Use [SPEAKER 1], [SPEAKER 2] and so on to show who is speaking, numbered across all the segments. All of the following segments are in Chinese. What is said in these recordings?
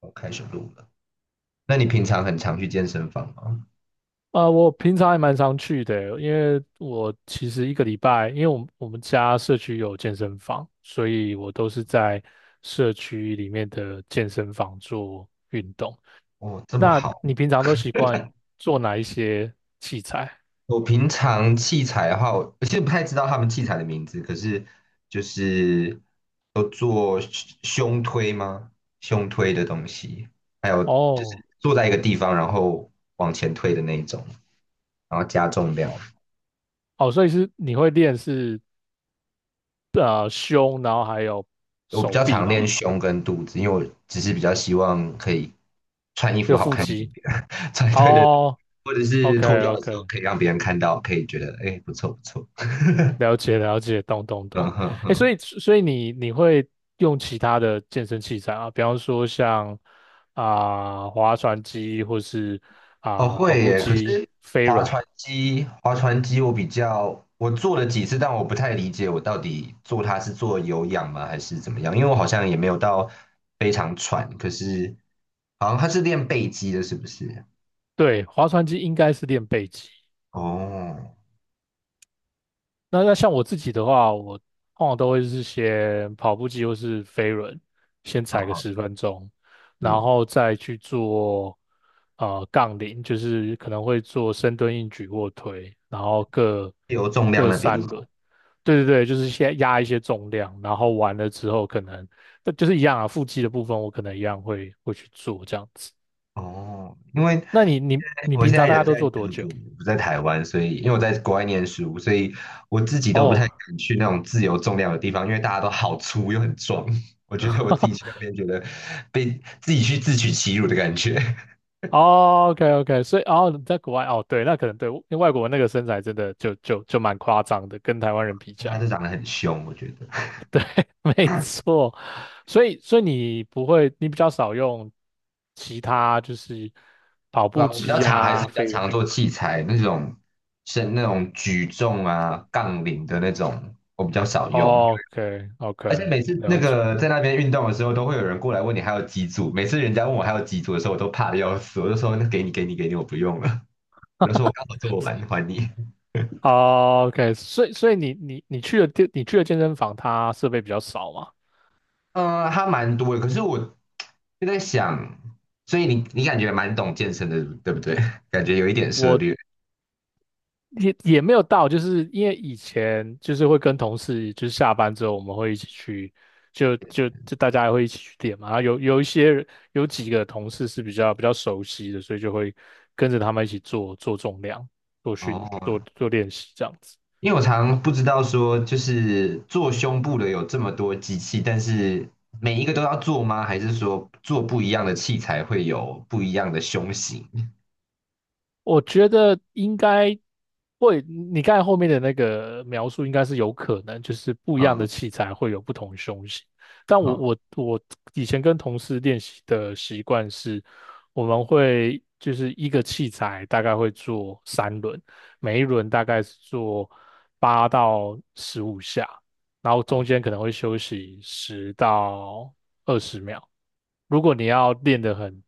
[SPEAKER 1] 我开始录了。那你平常很常去健身房吗？
[SPEAKER 2] 我平常还蛮常去的，因为我其实一个礼拜，因为我们家社区有健身房，所以我都是在社区里面的健身房做运动。
[SPEAKER 1] 哦，这么
[SPEAKER 2] 那
[SPEAKER 1] 好。
[SPEAKER 2] 你平常都习惯做哪一些器材？
[SPEAKER 1] 我平常器材的话，我其实不太知道他们器材的名字，可是就是有做胸推吗？胸推的东西，还有就
[SPEAKER 2] 哦
[SPEAKER 1] 是坐在一个地方，然后往前推的那一种，然后加重量。
[SPEAKER 2] 哦哦，所以是你会练是胸，然后还有
[SPEAKER 1] 我比
[SPEAKER 2] 手
[SPEAKER 1] 较
[SPEAKER 2] 臂
[SPEAKER 1] 常练
[SPEAKER 2] 嘛，
[SPEAKER 1] 胸跟肚子，因为我只是比较希望可以穿衣服
[SPEAKER 2] 有
[SPEAKER 1] 好
[SPEAKER 2] 腹
[SPEAKER 1] 看一点
[SPEAKER 2] 肌。
[SPEAKER 1] 点，对对对，
[SPEAKER 2] 哦
[SPEAKER 1] 或者是
[SPEAKER 2] ，OK
[SPEAKER 1] 脱掉的时候
[SPEAKER 2] OK，
[SPEAKER 1] 可以让别人看到，可以觉得哎不错不错，
[SPEAKER 2] 了解了解，懂懂
[SPEAKER 1] 嗯
[SPEAKER 2] 懂。
[SPEAKER 1] 哼
[SPEAKER 2] 哎，所
[SPEAKER 1] 哼，
[SPEAKER 2] 以所以你会用其他的健身器材啊？比方说像划船机，或是
[SPEAKER 1] 哦
[SPEAKER 2] 跑
[SPEAKER 1] 会
[SPEAKER 2] 步
[SPEAKER 1] 耶，可
[SPEAKER 2] 机、
[SPEAKER 1] 是
[SPEAKER 2] 飞
[SPEAKER 1] 划
[SPEAKER 2] 轮。
[SPEAKER 1] 船机划船机我比较我做了几次，但我不太理解我到底做它是做有氧吗还是怎么样，因为我好像也没有到非常喘，可是好像它是练背肌的，是不是？
[SPEAKER 2] 对，划船机应该是练背肌。
[SPEAKER 1] 哦，
[SPEAKER 2] 那像我自己的话，我往往都会是先跑步机或是飞轮，先
[SPEAKER 1] 哦，
[SPEAKER 2] 踩个
[SPEAKER 1] 好
[SPEAKER 2] 10分钟，然
[SPEAKER 1] 嗯，
[SPEAKER 2] 后再去做杠铃，就是可能会做深蹲、硬举、卧推，然后各
[SPEAKER 1] 自由重量
[SPEAKER 2] 各
[SPEAKER 1] 那边
[SPEAKER 2] 三
[SPEAKER 1] 吗。
[SPEAKER 2] 轮。对对对，就是先压一些重量，然后完了之后可能，但就是一样啊，腹肌的部分我可能一样会去做这样子。
[SPEAKER 1] 哦，因为
[SPEAKER 2] 那你
[SPEAKER 1] 我
[SPEAKER 2] 平
[SPEAKER 1] 现
[SPEAKER 2] 常
[SPEAKER 1] 在
[SPEAKER 2] 大概
[SPEAKER 1] 人
[SPEAKER 2] 都
[SPEAKER 1] 在
[SPEAKER 2] 做
[SPEAKER 1] 德
[SPEAKER 2] 多久？
[SPEAKER 1] 国，不在台湾，所以因为我在国外念书，所以我自己都不太
[SPEAKER 2] 哦，
[SPEAKER 1] 敢去那种自由重量的地方，因为大家都好粗又很壮，我觉得我自己去那 边觉得被自己去自取其辱的感觉，
[SPEAKER 2] 哦，OK OK，所以哦你在国外哦，对，那可能对，因为外国那个身材真的就蛮夸张的，跟台湾人比起
[SPEAKER 1] 大家
[SPEAKER 2] 来，
[SPEAKER 1] 都长得很凶，我觉得。
[SPEAKER 2] 没错。所以你不会，你比较少用其他就是跑
[SPEAKER 1] 对
[SPEAKER 2] 步
[SPEAKER 1] 啊，我比较
[SPEAKER 2] 机
[SPEAKER 1] 常还是
[SPEAKER 2] 啊、
[SPEAKER 1] 比较
[SPEAKER 2] 飞轮。
[SPEAKER 1] 常做器材那种，是那种举重啊、杠铃的那种，我比较少用。
[SPEAKER 2] OK
[SPEAKER 1] 而且
[SPEAKER 2] OK，
[SPEAKER 1] 每次那
[SPEAKER 2] 了解。
[SPEAKER 1] 个在那边运动的时候，都会有人过来问你还有几组。每次人家问我还有几组的时候，我都怕的要死，我就说那给你给你给你，我不用了。我就说我刚好做完还你。
[SPEAKER 2] 哦，OK，所以你去的健身房，它设备比较少嘛？
[SPEAKER 1] 它蛮多的，可是我就在想，所以你感觉蛮懂健身的，对不对？感觉有一点涉
[SPEAKER 2] 我
[SPEAKER 1] 略
[SPEAKER 2] 也没有到，就是因为以前就是会跟同事，就是下班之后我们会一起去，就大家会一起去练嘛。然后有一些人有几个同事是比较熟悉的，所以就会跟着他们一起做做重量、做
[SPEAKER 1] 哦。
[SPEAKER 2] 做练习这样子。
[SPEAKER 1] 因为我常不知道说，就是做胸部的有这么多机器，但是每一个都要做吗？还是说做不一样的器材会有不一样的胸型？
[SPEAKER 2] 我觉得应该会，你刚才后面的那个描述应该是有可能，就是不一样的
[SPEAKER 1] 嗯
[SPEAKER 2] 器材会有不同胸型。但我
[SPEAKER 1] 嗯。
[SPEAKER 2] 我我以前跟同事练习的习惯是，我们会就是一个器材大概会做三轮，每一轮大概是做8到15下，然后中
[SPEAKER 1] 哦
[SPEAKER 2] 间可能会休息10到20秒，如果你要练得很、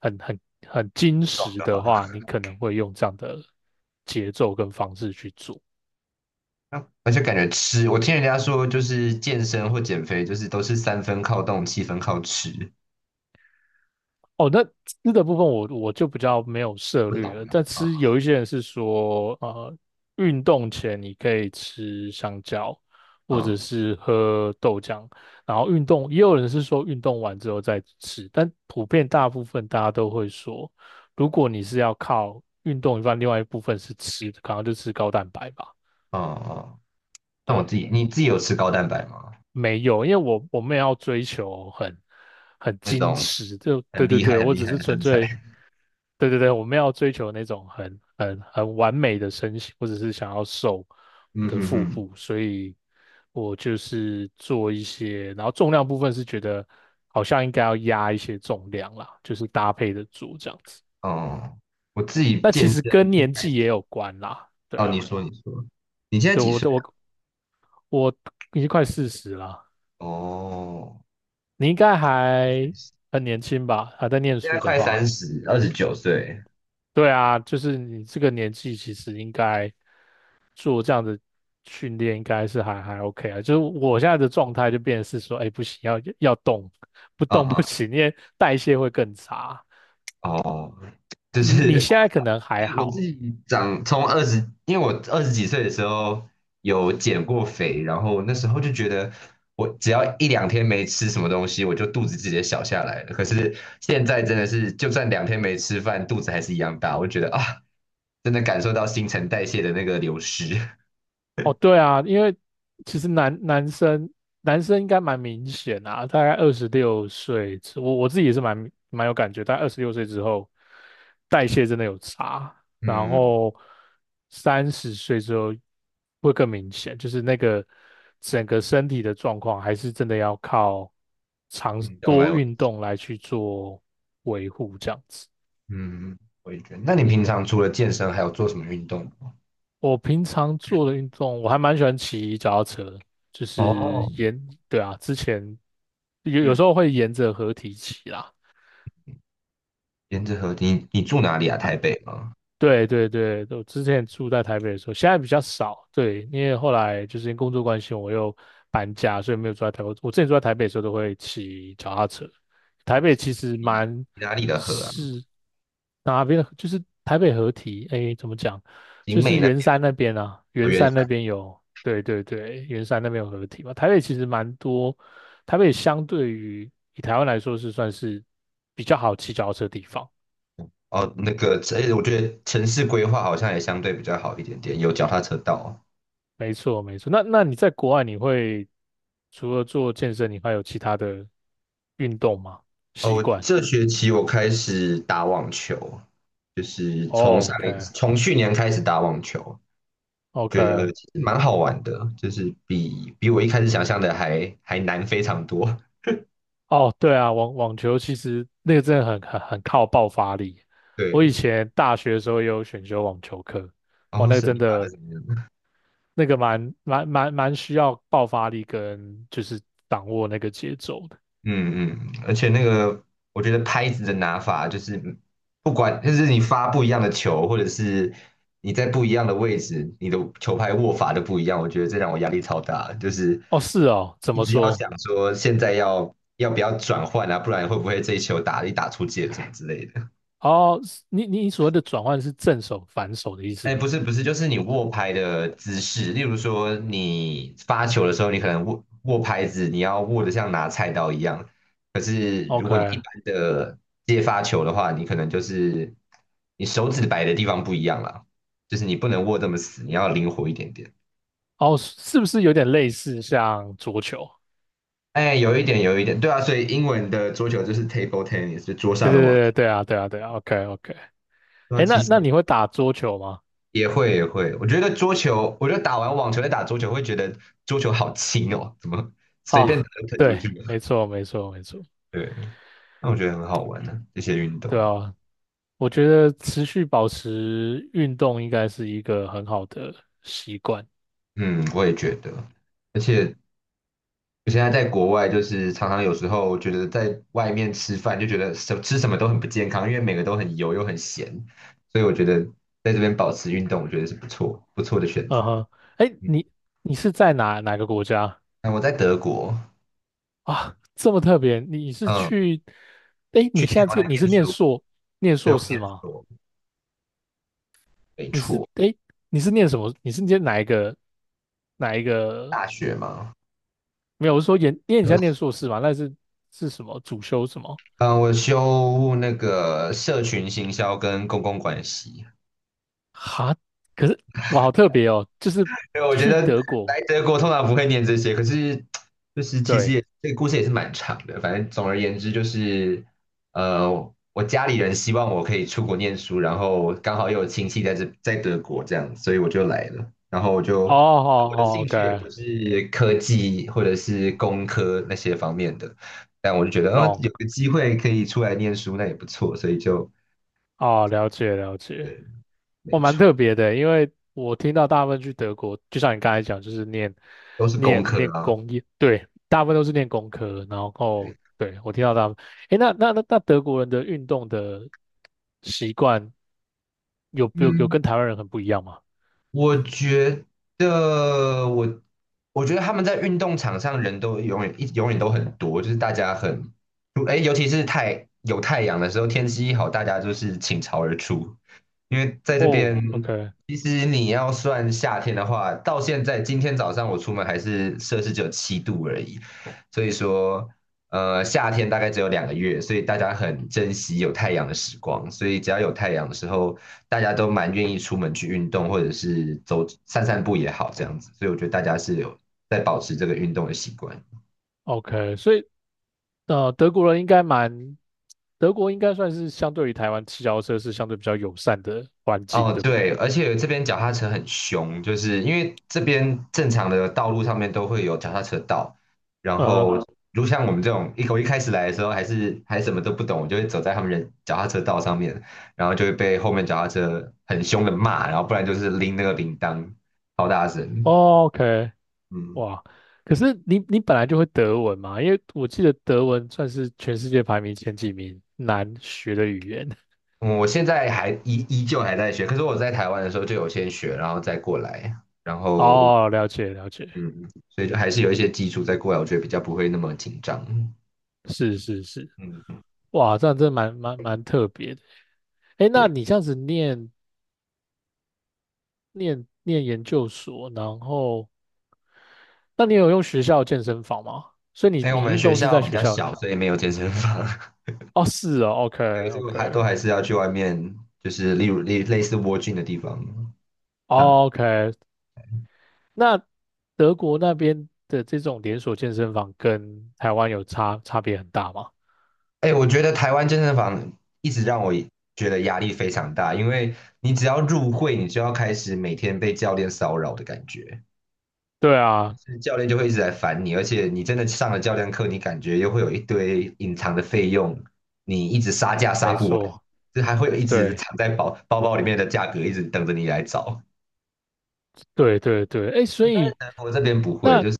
[SPEAKER 2] 很、很、很精
[SPEAKER 1] 壮
[SPEAKER 2] 实
[SPEAKER 1] 就
[SPEAKER 2] 的
[SPEAKER 1] 好。
[SPEAKER 2] 话，你可能会用这样的节奏跟方式去做。
[SPEAKER 1] 而且感觉吃，我听人家说，就是健身或减肥，就是都是三分靠动，七分靠吃。
[SPEAKER 2] 哦，那吃的部分我就比较没有涉
[SPEAKER 1] 不懂
[SPEAKER 2] 略了，但
[SPEAKER 1] 啊，
[SPEAKER 2] 吃有一些人是说，运动前你可以吃香蕉，
[SPEAKER 1] 嗯
[SPEAKER 2] 或者
[SPEAKER 1] 嗯
[SPEAKER 2] 是喝豆浆，然后运动也有人是说运动完之后再吃，但普遍大部分大家都会说，如果你是要靠运动一半，另外一部分是吃，可能就吃高蛋白吧。
[SPEAKER 1] 嗯。哦那我
[SPEAKER 2] 对，
[SPEAKER 1] 自己，你自己有吃高蛋白吗？
[SPEAKER 2] 没有，因为我没有要追求很
[SPEAKER 1] 那
[SPEAKER 2] 矜
[SPEAKER 1] 种
[SPEAKER 2] 持，就对
[SPEAKER 1] 很
[SPEAKER 2] 对
[SPEAKER 1] 厉害、
[SPEAKER 2] 对，
[SPEAKER 1] 很
[SPEAKER 2] 我
[SPEAKER 1] 厉
[SPEAKER 2] 只
[SPEAKER 1] 害
[SPEAKER 2] 是
[SPEAKER 1] 的
[SPEAKER 2] 纯
[SPEAKER 1] 身材。
[SPEAKER 2] 粹对对对，我没有要追求那种很完美的身形，我只是想要瘦我
[SPEAKER 1] 嗯
[SPEAKER 2] 的
[SPEAKER 1] 哼
[SPEAKER 2] 腹
[SPEAKER 1] 哼。
[SPEAKER 2] 部，所以我就是做一些，然后重量部分是觉得好像应该要压一些重量啦，就是搭配的做这样子。
[SPEAKER 1] 哦，我自己
[SPEAKER 2] 那
[SPEAKER 1] 健
[SPEAKER 2] 其实
[SPEAKER 1] 身
[SPEAKER 2] 跟
[SPEAKER 1] 一
[SPEAKER 2] 年
[SPEAKER 1] 开
[SPEAKER 2] 纪也
[SPEAKER 1] 始，
[SPEAKER 2] 有关啦，对
[SPEAKER 1] 哦，你
[SPEAKER 2] 啊，
[SPEAKER 1] 说你说，你现在
[SPEAKER 2] 对，
[SPEAKER 1] 几
[SPEAKER 2] 我
[SPEAKER 1] 岁
[SPEAKER 2] 的
[SPEAKER 1] 啊？
[SPEAKER 2] 我我已经快40啦，
[SPEAKER 1] 哦，
[SPEAKER 2] 你应该还
[SPEAKER 1] 现
[SPEAKER 2] 很年轻吧？还在念
[SPEAKER 1] 在
[SPEAKER 2] 书的
[SPEAKER 1] 快三
[SPEAKER 2] 话，
[SPEAKER 1] 十，29岁。
[SPEAKER 2] 对啊，就是你这个年纪，其实应该做这样的训练，应该是还 OK 啊。就是我现在的状态就变成是说，哎，不行，要动，不
[SPEAKER 1] 啊
[SPEAKER 2] 动
[SPEAKER 1] 哈，
[SPEAKER 2] 不行，因为代谢会更差。
[SPEAKER 1] 哦，就
[SPEAKER 2] 你
[SPEAKER 1] 是
[SPEAKER 2] 现在可能还
[SPEAKER 1] 我自
[SPEAKER 2] 好，
[SPEAKER 1] 己长从二十，因为我二十几岁的时候有减过肥，然后那时候就觉得我只要一两天没吃什么东西，我就肚子直接小下来了。可是现在真的是，就算两天没吃饭，肚子还是一样大。我就觉得啊，真的感受到新陈代谢的那个流失。
[SPEAKER 2] 哦，对啊，因为其实男生应该蛮明显啊，大概二十六岁之我自己也是蛮有感觉，大概二十六岁之后，代谢真的有差，然
[SPEAKER 1] 嗯，
[SPEAKER 2] 后30岁之后会更明显，就是那个整个身体的状况还是真的要靠长
[SPEAKER 1] 运动来，
[SPEAKER 2] 多
[SPEAKER 1] 我
[SPEAKER 2] 运动来去做维护这样子。
[SPEAKER 1] 嗯，我也觉得。那你平常除了健身，还有做什么运动吗？
[SPEAKER 2] 我平常做的运动，我还蛮喜欢骑脚踏车，就是
[SPEAKER 1] 哦，
[SPEAKER 2] 沿，对啊，之前有
[SPEAKER 1] 嗯，
[SPEAKER 2] 时候会沿着河堤骑啦。
[SPEAKER 1] 沿着河，你住哪里啊？
[SPEAKER 2] 它
[SPEAKER 1] 台北吗？
[SPEAKER 2] 对对对，我之前住在台北的时候，现在比较少。对，因为后来就是因为工作关系，我又搬家，所以没有住在台北。我之前住在台北的时候，都会骑脚踏车。台北其实
[SPEAKER 1] 你
[SPEAKER 2] 蛮
[SPEAKER 1] 你哪里的河啊？
[SPEAKER 2] 是哪边的？就是台北合体，哎，怎么讲？就
[SPEAKER 1] 景美
[SPEAKER 2] 是
[SPEAKER 1] 那
[SPEAKER 2] 圆
[SPEAKER 1] 边，
[SPEAKER 2] 山那边啊，圆
[SPEAKER 1] 原
[SPEAKER 2] 山那边有，对对对，圆山那边有合体嘛。台北其实蛮多，台北相对于以台湾来说是算是比较好骑脚踏车的地方。
[SPEAKER 1] 哦，那个，这我觉得城市规划好像也相对比较好一点点，有脚踏车道啊。
[SPEAKER 2] 没错，没错。那你在国外，你会除了做健身，你还有其他的运动吗？习
[SPEAKER 1] 哦，
[SPEAKER 2] 惯
[SPEAKER 1] 这学期我开始打网球，就是从上一
[SPEAKER 2] ？OK，OK
[SPEAKER 1] 从去年开始打网球，
[SPEAKER 2] 哦。
[SPEAKER 1] 觉得其实蛮好玩的，就是比我一开始想象的还难非常多。
[SPEAKER 2] 哦，对啊，网球其实那个真的很靠爆发力。我以
[SPEAKER 1] 对，
[SPEAKER 2] 前大学的时候也有选修网球课，
[SPEAKER 1] 然
[SPEAKER 2] 哦，
[SPEAKER 1] 后
[SPEAKER 2] 那个
[SPEAKER 1] 是
[SPEAKER 2] 真
[SPEAKER 1] 你打的
[SPEAKER 2] 的
[SPEAKER 1] 怎么样？
[SPEAKER 2] 那个蛮需要爆发力跟就是掌握那个节奏的。
[SPEAKER 1] 嗯嗯，而且那个，我觉得拍子的拿法就是，不管就是你发不一样的球，或者是你在不一样的位置，你的球拍握法都不一样。我觉得这让我压力超大，就是
[SPEAKER 2] 哦，是哦，怎
[SPEAKER 1] 一
[SPEAKER 2] 么
[SPEAKER 1] 直要
[SPEAKER 2] 说？
[SPEAKER 1] 想说现在要不要转换啊，不然会不会这一球打出界什么之类的。
[SPEAKER 2] 哦，你所谓的转换是正手反手的意思
[SPEAKER 1] 哎，不
[SPEAKER 2] 吗
[SPEAKER 1] 是不是，就是你握拍的姿势，例如说你发球的时候，你可能握拍子，你要握得像拿菜刀一样。可是如果你一
[SPEAKER 2] ？OK，
[SPEAKER 1] 般的接发球的话，你可能就是你手指摆的地方不一样了，就是你不能握这么死，你要灵活一点点。
[SPEAKER 2] 哦，是不是有点类似像桌球？
[SPEAKER 1] 哎，有一点有一点，对啊，所以英文的桌球就是 table tennis，就桌上
[SPEAKER 2] 对
[SPEAKER 1] 的网球。
[SPEAKER 2] 对对对啊，对啊对啊，OK OK。
[SPEAKER 1] 对啊，
[SPEAKER 2] 哎，
[SPEAKER 1] 其
[SPEAKER 2] 那
[SPEAKER 1] 实
[SPEAKER 2] 那你会打桌球吗？
[SPEAKER 1] 也会也会，我觉得桌球，我觉得打完网球再打桌球，会觉得桌球好轻哦，怎么随便打
[SPEAKER 2] 啊，
[SPEAKER 1] 就喷出
[SPEAKER 2] 对，
[SPEAKER 1] 去了？
[SPEAKER 2] 没错没错没错，
[SPEAKER 1] 对，那我觉得很好玩呢、这些运
[SPEAKER 2] 对
[SPEAKER 1] 动。
[SPEAKER 2] 啊，我觉得持续保持运动应该是一个很好的习惯。
[SPEAKER 1] 嗯，我也觉得，而且我现在在国外，就是常常有时候觉得在外面吃饭就觉得吃什么都很不健康，因为每个都很油又很咸，所以我觉得在这边保持运动，我觉得是不错不错的选
[SPEAKER 2] 嗯
[SPEAKER 1] 择。
[SPEAKER 2] 哼，哎，
[SPEAKER 1] 嗯，
[SPEAKER 2] 你是在哪个国家
[SPEAKER 1] 那我在德国，
[SPEAKER 2] 啊？这么特别，你是
[SPEAKER 1] 嗯，
[SPEAKER 2] 去？哎，你
[SPEAKER 1] 去
[SPEAKER 2] 现
[SPEAKER 1] 年
[SPEAKER 2] 在
[SPEAKER 1] 我在
[SPEAKER 2] 这个你
[SPEAKER 1] 念
[SPEAKER 2] 是
[SPEAKER 1] 书，
[SPEAKER 2] 念
[SPEAKER 1] 对，
[SPEAKER 2] 硕
[SPEAKER 1] 我
[SPEAKER 2] 士
[SPEAKER 1] 念
[SPEAKER 2] 吗？
[SPEAKER 1] 书，没
[SPEAKER 2] 你是
[SPEAKER 1] 错，
[SPEAKER 2] 哎，诶你是念什么？你是念哪一个
[SPEAKER 1] 大学嘛，
[SPEAKER 2] 没有，我是说研，因为你现
[SPEAKER 1] 嗯，
[SPEAKER 2] 在念硕士嘛，那是是什么主修什么？
[SPEAKER 1] 我修那个社群行销跟公共关系。
[SPEAKER 2] 哈，可是哇，好特别哦，就是
[SPEAKER 1] 对，我觉
[SPEAKER 2] 去
[SPEAKER 1] 得
[SPEAKER 2] 德国，
[SPEAKER 1] 来德国通常不会念这些，可是就是其实也
[SPEAKER 2] 对，
[SPEAKER 1] 这个故事也是蛮长的。反正总而言之就是，呃，我家里人希望我可以出国念书，然后刚好又有亲戚在德国这样，所以我就来了。然后
[SPEAKER 2] 哦，好
[SPEAKER 1] 我的
[SPEAKER 2] 好
[SPEAKER 1] 兴
[SPEAKER 2] ，OK，
[SPEAKER 1] 趣也不是科技或者是工科那些方面的，但我就觉得，嗯、
[SPEAKER 2] 懂，
[SPEAKER 1] 有个机会可以出来念书，那也不错，所以就
[SPEAKER 2] 哦，了解了解，
[SPEAKER 1] 对，
[SPEAKER 2] 我
[SPEAKER 1] 没
[SPEAKER 2] 蛮
[SPEAKER 1] 错，
[SPEAKER 2] 特别的欸，因为我听到大部分去德国，就像你刚才讲，就是念
[SPEAKER 1] 都是工
[SPEAKER 2] 念
[SPEAKER 1] 科
[SPEAKER 2] 念
[SPEAKER 1] 啊，
[SPEAKER 2] 工业，对，大部分都是念工科，然后
[SPEAKER 1] 对，
[SPEAKER 2] 对我听到他们，诶，那德国人的运动的习惯有
[SPEAKER 1] 嗯。
[SPEAKER 2] 跟台湾人很不一样吗？
[SPEAKER 1] 我觉得我，我觉得他们在运动场上人都永远都很多，就是大家很，哎，尤其是有太阳的时候，天气一好，大家就是倾巢而出。因为在这
[SPEAKER 2] 哦
[SPEAKER 1] 边，
[SPEAKER 2] ，OK。
[SPEAKER 1] 其实你要算夏天的话，到现在今天早上我出门还是摄氏只有7度而已，所以说，夏天大概只有2个月，所以大家很珍惜有太阳的时光，所以只要有太阳的时候。大家都蛮愿意出门去运动，或者是散散步也好，这样子。所以我觉得大家是有在保持这个运动的习惯。
[SPEAKER 2] OK，所以呃，德国人应该蛮，德国应该算是相对于台湾骑脚踏车是相对比较友善的环境，
[SPEAKER 1] 哦，
[SPEAKER 2] 对不对？
[SPEAKER 1] 对，而且这边脚踏车很凶，就是因为这边正常的道路上面都会有脚踏车道，然
[SPEAKER 2] 嗯
[SPEAKER 1] 后像我们这种我一开始来的时候还什么都不懂，我就会走在他们人脚踏车道上面，然后就会被后面脚踏车很凶的骂，然后不然就是拎那个铃铛，超大声，
[SPEAKER 2] ，OK，
[SPEAKER 1] 嗯。
[SPEAKER 2] 哇，可是你本来就会德文嘛？因为我记得德文算是全世界排名前几名难学的语言。
[SPEAKER 1] 嗯我现在还依旧还在学，可是我在台湾的时候就有先学，然后再过来，然后
[SPEAKER 2] 哦，了解了解，
[SPEAKER 1] 嗯，所以就还是有一些基础再过来，我觉得比较不会那么紧张。
[SPEAKER 2] 是是是，
[SPEAKER 1] 嗯，
[SPEAKER 2] 哇，这样真的蛮特别的。哎，那
[SPEAKER 1] 对，
[SPEAKER 2] 你这样子念研究所，然后那你有用学校健身房吗？所以你
[SPEAKER 1] 因为我
[SPEAKER 2] 你
[SPEAKER 1] 们
[SPEAKER 2] 运
[SPEAKER 1] 学
[SPEAKER 2] 动是
[SPEAKER 1] 校
[SPEAKER 2] 在
[SPEAKER 1] 比
[SPEAKER 2] 学
[SPEAKER 1] 较
[SPEAKER 2] 校
[SPEAKER 1] 小，所以没有健身房，
[SPEAKER 2] 哦，是哦
[SPEAKER 1] 对，所以我还都
[SPEAKER 2] ，OK，OK，
[SPEAKER 1] 还是要去外面，就是例如类似蜗菌的地方上。
[SPEAKER 2] 哦，OK。那德国那边的这种连锁健身房跟台湾有差别很大吗？
[SPEAKER 1] 哎，我觉得台湾健身房一直让我觉得压力非常大，因为你只要入会，你就要开始每天被教练骚扰的感觉。
[SPEAKER 2] 对啊，
[SPEAKER 1] 是教练就会一直来烦你，而且你真的上了教练课，你感觉又会有一堆隐藏的费用，你一直杀价杀
[SPEAKER 2] 没
[SPEAKER 1] 不完，
[SPEAKER 2] 错，
[SPEAKER 1] 就还会有一直
[SPEAKER 2] 对，
[SPEAKER 1] 藏在包包包里面的价格，一直等着你来找。
[SPEAKER 2] 对对对，哎，所以
[SPEAKER 1] 但我这边不会，
[SPEAKER 2] 那，
[SPEAKER 1] 就是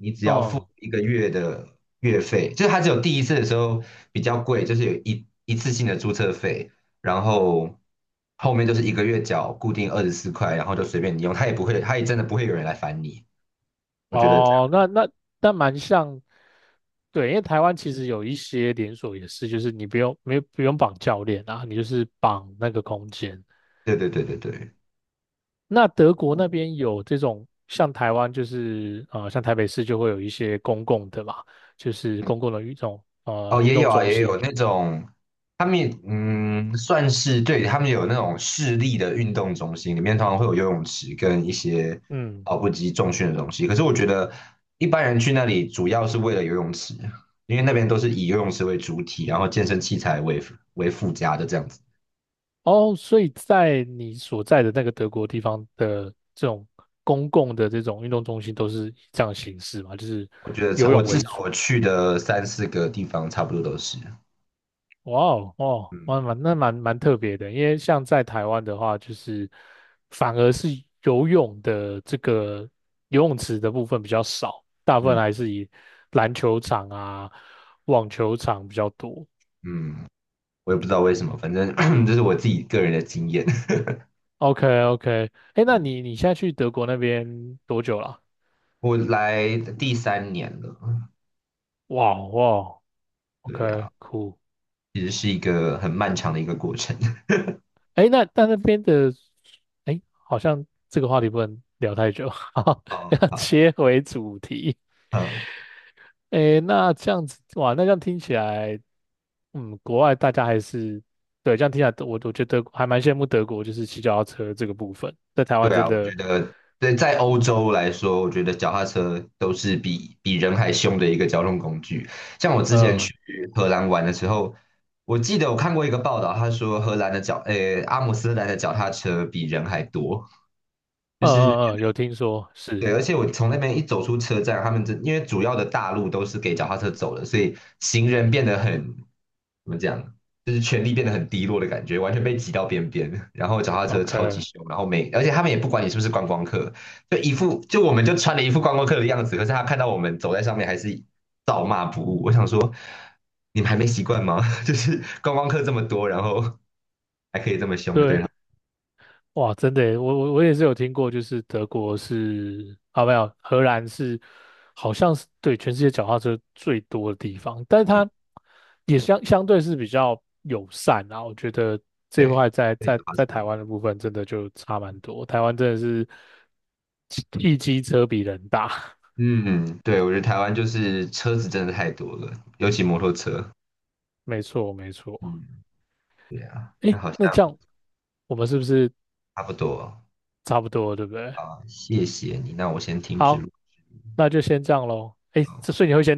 [SPEAKER 1] 你只要付
[SPEAKER 2] 哦，
[SPEAKER 1] 一个月的月费，就是它只有第一次的时候比较贵，就是有一次性的注册费，然后后面就是一个月缴固定24块，然后就随便你用，它也不会，它也真的不会有人来烦你。我觉得这
[SPEAKER 2] 哦，
[SPEAKER 1] 样，
[SPEAKER 2] 那蛮像，对，因为台湾其实有一些连锁也是，就是你不用没有不用绑教练啊，你就是绑那个空间，
[SPEAKER 1] 对对对对对。
[SPEAKER 2] 那德国那边有这种像台湾就是像台北市就会有一些公共的嘛，就是公共的
[SPEAKER 1] 哦，
[SPEAKER 2] 运
[SPEAKER 1] 也
[SPEAKER 2] 动
[SPEAKER 1] 有啊，
[SPEAKER 2] 中
[SPEAKER 1] 也有
[SPEAKER 2] 心。
[SPEAKER 1] 那种，他们也算是对，他们有那种市立的运动中心，里面通常会有游泳池跟一些
[SPEAKER 2] 嗯，
[SPEAKER 1] 跑步机、重训的东西。可是我觉得一般人去那里主要是为了游泳池，因为那边都是以游泳池为主体，然后健身器材为附加的这样子。
[SPEAKER 2] 哦，所以在你所在的那个德国地方的这种公共的这种运动中心都是以这样的形式嘛，就是
[SPEAKER 1] 我觉得差，
[SPEAKER 2] 游
[SPEAKER 1] 我
[SPEAKER 2] 泳
[SPEAKER 1] 至
[SPEAKER 2] 为
[SPEAKER 1] 少
[SPEAKER 2] 主。
[SPEAKER 1] 我去的三四个地方差不多都是，
[SPEAKER 2] 哇哦，哦，
[SPEAKER 1] 嗯
[SPEAKER 2] 蛮蛮那蛮蛮特别的，因为像在台湾的话，就是反而是游泳的这个游泳池的部分比较少，大部分
[SPEAKER 1] 嗯
[SPEAKER 2] 还是以篮球场啊、网球场比较多。
[SPEAKER 1] 嗯，我也不知道为什么，反正 这是我自己个人的经验。
[SPEAKER 2] OK OK，哎，那 你现在去德国那边多久了？
[SPEAKER 1] 我来第三年了，
[SPEAKER 2] 哇哦哇 o
[SPEAKER 1] 对呀、
[SPEAKER 2] k
[SPEAKER 1] 啊
[SPEAKER 2] cool，
[SPEAKER 1] 其实是一个很漫长的一个过程。
[SPEAKER 2] 哎，诶那但那边的，哎，好像这个话题不能聊太久，哈哈，
[SPEAKER 1] 嗯，
[SPEAKER 2] 要
[SPEAKER 1] 好，
[SPEAKER 2] 切回主题。
[SPEAKER 1] 嗯，
[SPEAKER 2] 诶，那这样子，哇，那这样听起来，嗯，国外大家还是，对，这样听起来，我觉得还蛮羡慕德国，就是骑脚踏车这个部分，在台湾
[SPEAKER 1] 对
[SPEAKER 2] 真
[SPEAKER 1] 啊，我觉
[SPEAKER 2] 的，
[SPEAKER 1] 得对在欧洲来说，我觉得脚踏车都是比人还凶的一个交通工具。像我之前
[SPEAKER 2] 呃，
[SPEAKER 1] 去荷兰玩的时候，我记得我看过一个报道，他说荷兰的脚，阿姆斯特丹的脚踏车比人还多，就是
[SPEAKER 2] 有听说是
[SPEAKER 1] 对，而且我从那边一走出车站，他们因为主要的大路都是给脚踏车走的，所以行人变得很，怎么讲，就是权力变得很低落的感觉，完全被挤到边边。然后脚踏车超级
[SPEAKER 2] ，OK，
[SPEAKER 1] 凶，然后而且他们也不管你是不是观光客，就一副就我们就穿了一副观光客的样子，可是他看到我们走在上面还是照骂不误。我想说，你们还没习惯吗？就是观光客这么多，然后还可以这么凶的对他
[SPEAKER 2] 对，
[SPEAKER 1] 们，
[SPEAKER 2] 哇，真的耶，我也是有听过，就是德国是啊，没有，荷兰是好像是对全世界脚踏车最多的地方，但是
[SPEAKER 1] 嗯，
[SPEAKER 2] 它也相对是比较友善啊。我觉得这一
[SPEAKER 1] 对，
[SPEAKER 2] 块在
[SPEAKER 1] 对脚
[SPEAKER 2] 在
[SPEAKER 1] 踏
[SPEAKER 2] 在台湾
[SPEAKER 1] 车。
[SPEAKER 2] 的部分真的就差蛮多，台湾真的是一机车比人大，
[SPEAKER 1] 嗯，对，我觉得台湾就是车子真的太多了，尤其摩托车。
[SPEAKER 2] 没错没错。
[SPEAKER 1] 嗯，对啊，那
[SPEAKER 2] 诶，
[SPEAKER 1] 好像
[SPEAKER 2] 那这样我们是不是
[SPEAKER 1] 差不多
[SPEAKER 2] 差不多了对不对？
[SPEAKER 1] 啊，谢谢你，那我先停止
[SPEAKER 2] 好，
[SPEAKER 1] 录。
[SPEAKER 2] 那就先这样喽。诶，这所以你会先。